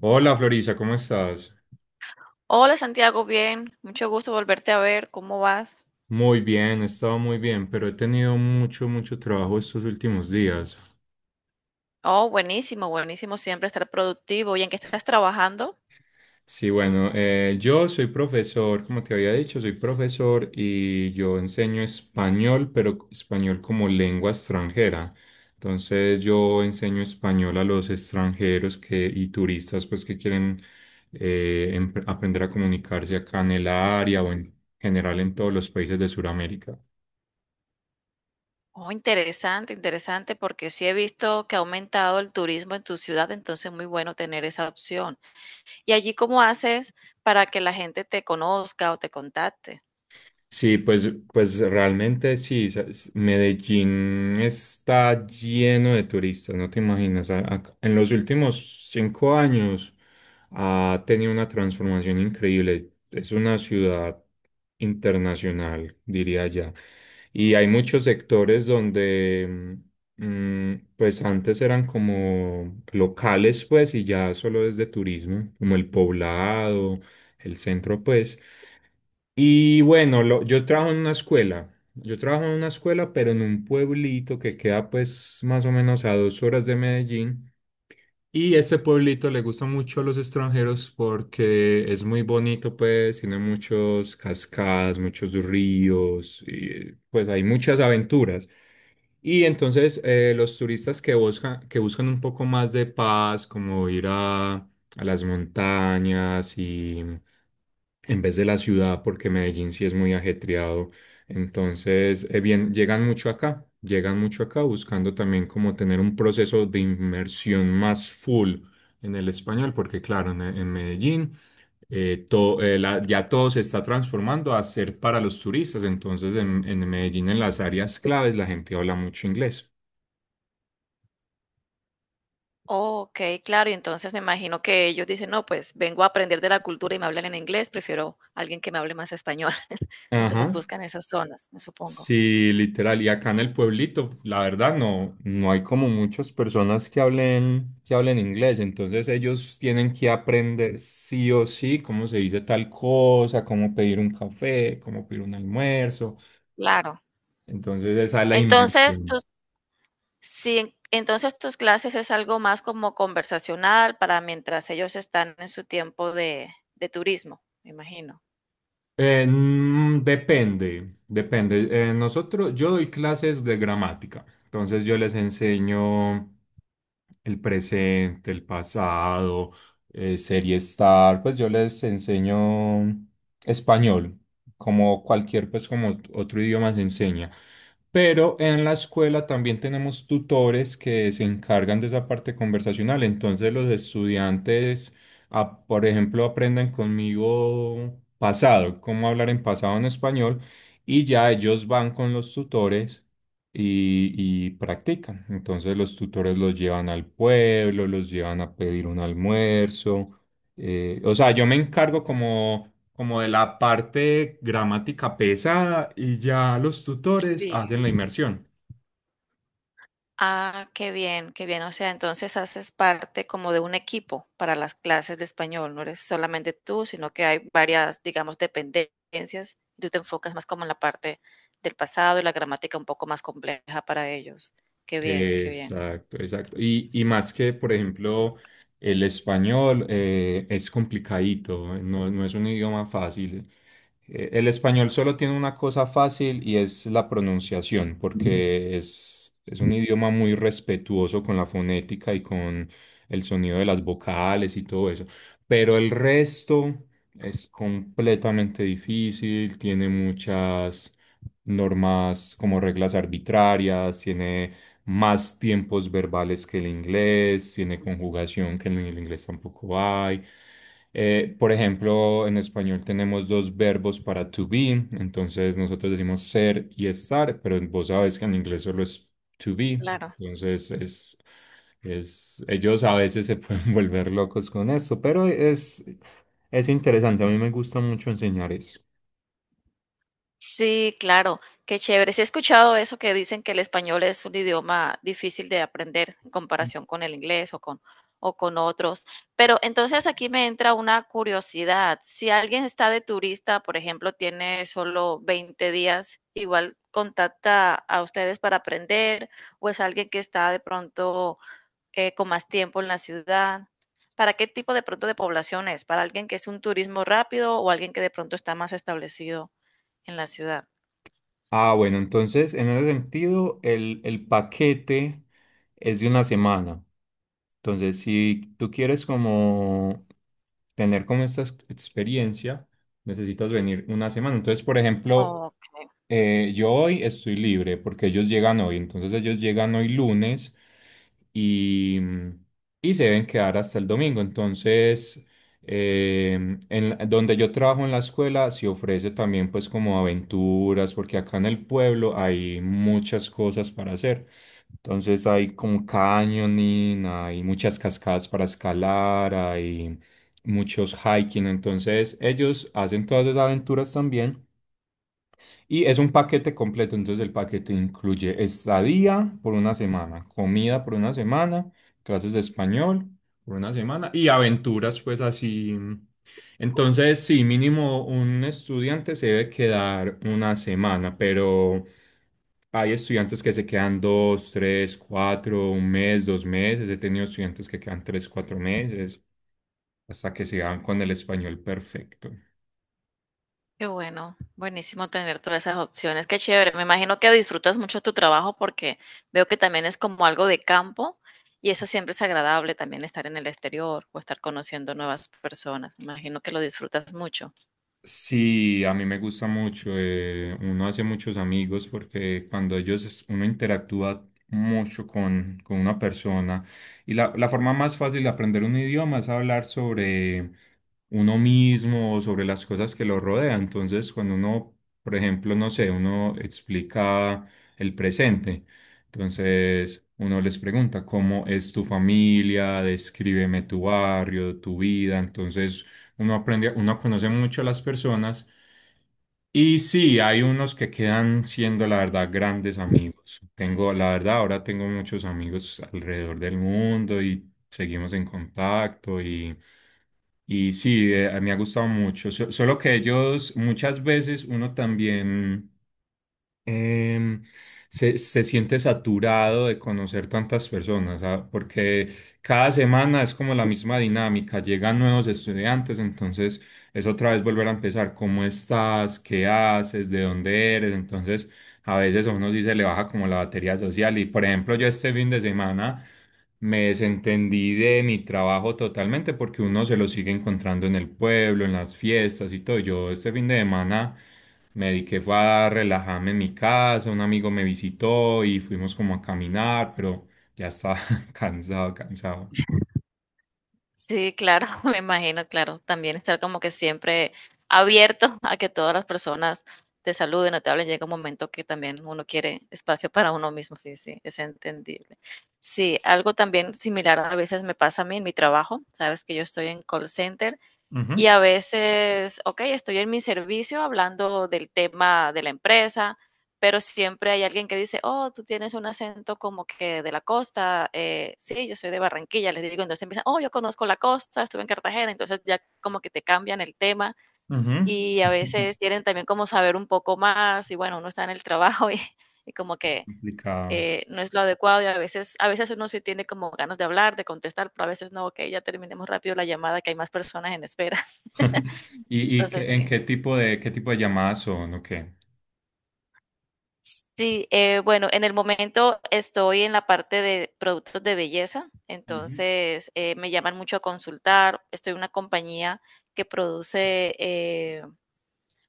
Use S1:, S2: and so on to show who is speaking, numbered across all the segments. S1: Hola Florisa, ¿cómo estás?
S2: Hola Santiago, bien, mucho gusto volverte a ver, ¿cómo vas?
S1: Muy bien, he estado muy bien, pero he tenido mucho, mucho trabajo estos últimos días.
S2: Oh, buenísimo, buenísimo siempre estar productivo. ¿Y en qué estás trabajando?
S1: Sí, bueno, yo soy profesor, como te había dicho, soy profesor y yo enseño español, pero español como lengua extranjera. Entonces yo enseño español a los extranjeros y turistas pues que quieren aprender a comunicarse acá en el área o en general en todos los países de Sudamérica.
S2: Oh, interesante, interesante, porque sí he visto que ha aumentado el turismo en tu ciudad, entonces muy bueno tener esa opción. ¿Y allí cómo haces para que la gente te conozca o te contacte?
S1: Sí, pues, pues realmente sí, Medellín está lleno de turistas, no te imaginas. En los últimos 5 años ha tenido una transformación increíble. Es una ciudad internacional, diría ya. Y hay muchos sectores donde, mm, pues antes eran como locales, pues, y ya solo es de turismo, como el Poblado, el centro, pues. Y bueno, yo trabajo en una escuela. Yo trabajo en una escuela, pero en un pueblito que queda pues más o menos a 2 horas de Medellín. Y ese pueblito le gusta mucho a los extranjeros porque es muy bonito, pues tiene muchos cascadas, muchos ríos, y pues hay muchas aventuras. Y entonces los turistas que buscan, un poco más de paz, como ir a las montañas y en vez de la ciudad, porque Medellín sí es muy ajetreado. Entonces, bien, llegan mucho acá buscando también como tener un proceso de inmersión más full en el español, porque claro, en Medellín ya todo se está transformando a ser para los turistas. Entonces, en Medellín, en las áreas claves, la gente habla mucho inglés.
S2: Oh, ok, claro, y entonces me imagino que ellos dicen: no, pues vengo a aprender de la cultura y me hablan en inglés, prefiero alguien que me hable más español. Entonces
S1: Ajá,
S2: buscan esas zonas, me supongo.
S1: sí, literal. Y acá en el pueblito, la verdad, no, no hay como muchas personas que hablen, inglés. Entonces ellos tienen que aprender sí o sí cómo se dice tal cosa, cómo pedir un café, cómo pedir un almuerzo.
S2: Claro.
S1: Entonces esa es la
S2: Entonces,
S1: inversión.
S2: tus sí, entonces, tus clases es algo más como conversacional para mientras ellos están en su tiempo de turismo, me imagino.
S1: Depende, depende. Nosotros, yo doy clases de gramática, entonces yo les enseño el presente, el pasado, ser y estar, pues yo les enseño español, como cualquier, pues como otro idioma se enseña. Pero en la escuela también tenemos tutores que se encargan de esa parte conversacional, entonces los estudiantes por ejemplo, aprendan conmigo pasado, cómo hablar en pasado en español, y ya ellos van con los tutores y, y practican. Entonces los tutores los llevan al pueblo, los llevan a pedir un almuerzo. O sea, yo me encargo como, de la parte gramática pesada y ya los tutores
S2: Sí.
S1: hacen la inmersión.
S2: Ah, qué bien, qué bien. O sea, entonces haces parte como de un equipo para las clases de español. No eres solamente tú, sino que hay varias, digamos, dependencias. Y tú te enfocas más como en la parte del pasado y la gramática un poco más compleja para ellos. Qué bien, qué bien.
S1: Exacto, exacto. Y más que, por ejemplo, el español es complicadito, no, no es un idioma fácil. El español solo tiene una cosa fácil y es la pronunciación, porque es un idioma muy respetuoso con la fonética y con el sonido de las vocales y todo eso. Pero el resto es completamente difícil, tiene muchas normas como reglas arbitrarias, tiene más tiempos verbales que el inglés, tiene conjugación que en el inglés tampoco hay. Por ejemplo, en español tenemos dos verbos para to be, entonces nosotros decimos ser y estar, pero vos sabes que en inglés solo es to be,
S2: Claro.
S1: entonces ellos a veces se pueden volver locos con esto, pero es interesante, a mí me gusta mucho enseñar eso.
S2: Sí, claro, qué chévere. Sí he escuchado eso que dicen que el español es un idioma difícil de aprender en comparación con el inglés o con otros. Pero entonces aquí me entra una curiosidad. Si alguien está de turista, por ejemplo, tiene solo 20 días, ¿igual contacta a ustedes para aprender o es alguien que está de pronto con más tiempo en la ciudad? ¿Para qué tipo de pronto de población es? ¿Para alguien que es un turismo rápido o alguien que de pronto está más establecido en la ciudad?
S1: Ah, bueno, entonces en ese sentido, el paquete es de una semana. Entonces, si tú quieres como tener como esta experiencia, necesitas venir una semana. Entonces, por ejemplo,
S2: Okey,
S1: yo hoy estoy libre porque ellos llegan hoy. Entonces, ellos llegan hoy lunes y, mm, y se deben quedar hasta el domingo. Entonces, eh, donde yo trabajo en la escuela, se ofrece también pues como aventuras, porque acá en el pueblo hay muchas cosas para hacer. Entonces hay como canyoning, hay muchas cascadas para escalar, hay muchos hiking. Entonces ellos hacen todas esas aventuras también. Y es un paquete completo, entonces el paquete incluye estadía por una semana, comida por una semana, clases de español por una semana y aventuras, pues así. Entonces, sí, mínimo un estudiante se debe quedar una semana, pero hay estudiantes que se quedan dos, tres, cuatro, un mes, 2 meses. He tenido estudiantes que quedan 3, 4 meses hasta que se dan con el español perfecto.
S2: qué bueno, buenísimo tener todas esas opciones, qué chévere. Me imagino que disfrutas mucho tu trabajo porque veo que también es como algo de campo y eso siempre es agradable, también estar en el exterior o estar conociendo nuevas personas. Me imagino que lo disfrutas mucho.
S1: Sí, a mí me gusta mucho. Uno hace muchos amigos porque cuando ellos, uno interactúa mucho con una persona. Y la forma más fácil de aprender un idioma es hablar sobre uno mismo o sobre las cosas que lo rodean. Entonces, cuando uno, por ejemplo, no sé, uno explica el presente. Entonces, uno les pregunta, ¿cómo es tu familia? Descríbeme tu barrio, tu vida. Entonces, uno aprende, uno conoce mucho a las personas y sí, hay unos que quedan siendo, la verdad, grandes amigos. Tengo, la verdad, ahora tengo muchos amigos alrededor del mundo y seguimos en contacto y sí, me ha gustado mucho. Solo que ellos muchas veces uno también em, se siente saturado de conocer tantas personas, porque cada semana es como la misma dinámica, llegan nuevos estudiantes, entonces es otra vez volver a empezar. ¿Cómo estás? ¿Qué haces? ¿De dónde eres? Entonces a veces a uno sí se le baja como la batería social, y por ejemplo yo este fin de semana me desentendí de mi trabajo totalmente porque uno se lo sigue encontrando en el pueblo, en las fiestas y todo. Yo este fin de semana me dediqué fue a relajarme en mi casa, un amigo me visitó y fuimos como a caminar, pero ya estaba cansado, cansado.
S2: Sí, claro, me imagino, claro. También estar como que siempre abierto a que todas las personas te saluden o te hablen. Llega un momento que también uno quiere espacio para uno mismo. Sí, sí, es entendible. Sí, algo también similar a veces me pasa a mí en mi trabajo. Sabes que yo estoy en call center
S1: Ujú,
S2: y a veces, ok, estoy en mi servicio hablando del tema de la empresa, pero siempre hay alguien que dice: oh, tú tienes un acento como que de la costa. Eh, sí, yo soy de Barranquilla, les digo. Entonces empiezan: oh, yo conozco la costa, estuve en Cartagena. Entonces ya como que te cambian el tema
S1: ujú.
S2: y a veces quieren también como saber un poco más y bueno, uno está en el trabajo y como
S1: Es
S2: que
S1: complicado.
S2: no es lo adecuado y a veces uno sí tiene como ganas de hablar, de contestar, pero a veces no, ok, ya terminemos rápido la llamada que hay más personas en espera.
S1: ¿Y, y
S2: Entonces,
S1: qué- en
S2: sí.
S1: qué tipo de llamadas son o qué?
S2: Sí, bueno, en el momento estoy en la parte de productos de belleza,
S1: Ujú.
S2: entonces me llaman mucho a consultar. Estoy en una compañía que produce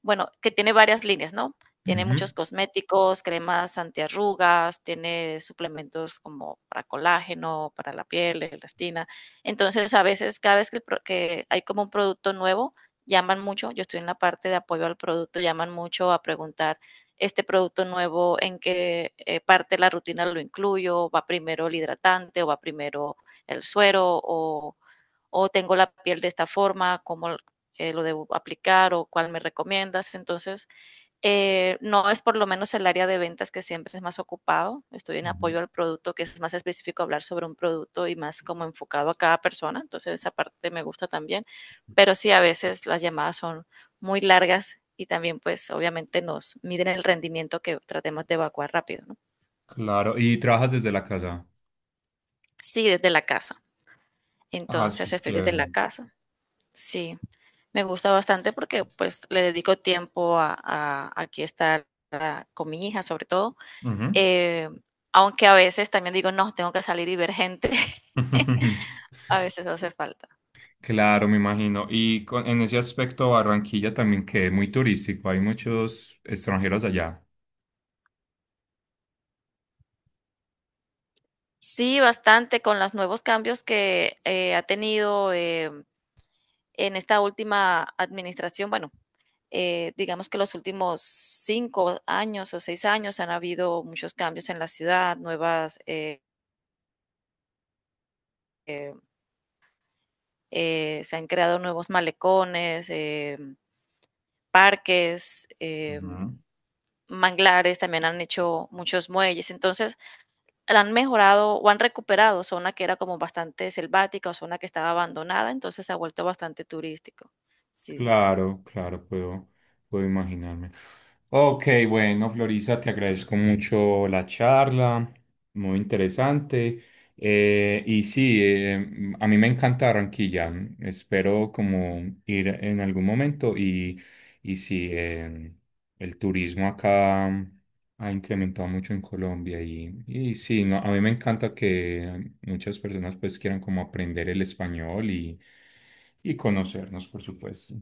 S2: bueno, que tiene varias líneas, ¿no? Tiene muchos cosméticos, cremas antiarrugas, tiene suplementos como para colágeno, para la piel, elastina. Entonces, a veces, cada vez que, que hay como un producto nuevo, llaman mucho. Yo estoy en la parte de apoyo al producto, llaman mucho a preguntar: este producto nuevo, ¿en qué parte de la rutina lo incluyo? ¿Va primero el hidratante o va primero el suero? O tengo la piel de esta forma, ¿cómo, lo debo aplicar o cuál me recomiendas? Entonces, no es por lo menos el área de ventas que siempre es más ocupado. Estoy en
S1: Ujú.
S2: apoyo al producto, que es más específico hablar sobre un producto y más como enfocado a cada persona. Entonces, esa parte me gusta también. Pero sí, a veces las llamadas son muy largas y también, pues, obviamente nos miden el rendimiento que tratemos de evacuar rápido, ¿no?
S1: Claro, ¿y trabajas desde la casa?
S2: Sí, desde la casa.
S1: Ah, eso
S2: Entonces,
S1: es
S2: estoy desde
S1: chévere.
S2: la casa. Sí, me gusta bastante porque pues le dedico tiempo a- aquí estar ah, con mi hija sobre todo,
S1: Ujú.
S2: eh, aunque a veces también digo: no, tengo que salir y ver gente, a veces hace falta.
S1: Claro, me imagino. Y en ese aspecto, Barranquilla también que muy turístico, hay muchos extranjeros allá.
S2: Sí, bastante con los nuevos cambios que ha tenido en esta última administración. Bueno, digamos que los últimos 5 años o 6 años han habido muchos cambios en la ciudad, nuevas... eh, se han creado nuevos malecones, parques,
S1: Ujú.
S2: manglares, también han hecho muchos muelles, entonces han mejorado o han recuperado zona que era como bastante selvática o zona que estaba abandonada, entonces se ha vuelto bastante turístico. Sí.
S1: Claro, claro, puedo imaginarme. Ok, bueno, Florisa, te agradezco mucho la charla, muy interesante. Y sí, a mí me encanta Barranquilla. Espero como ir en algún momento y el turismo acá ha incrementado mucho en Colombia y no, a mí me encanta que muchas personas pues quieran como aprender el español y conocernos, por supuesto.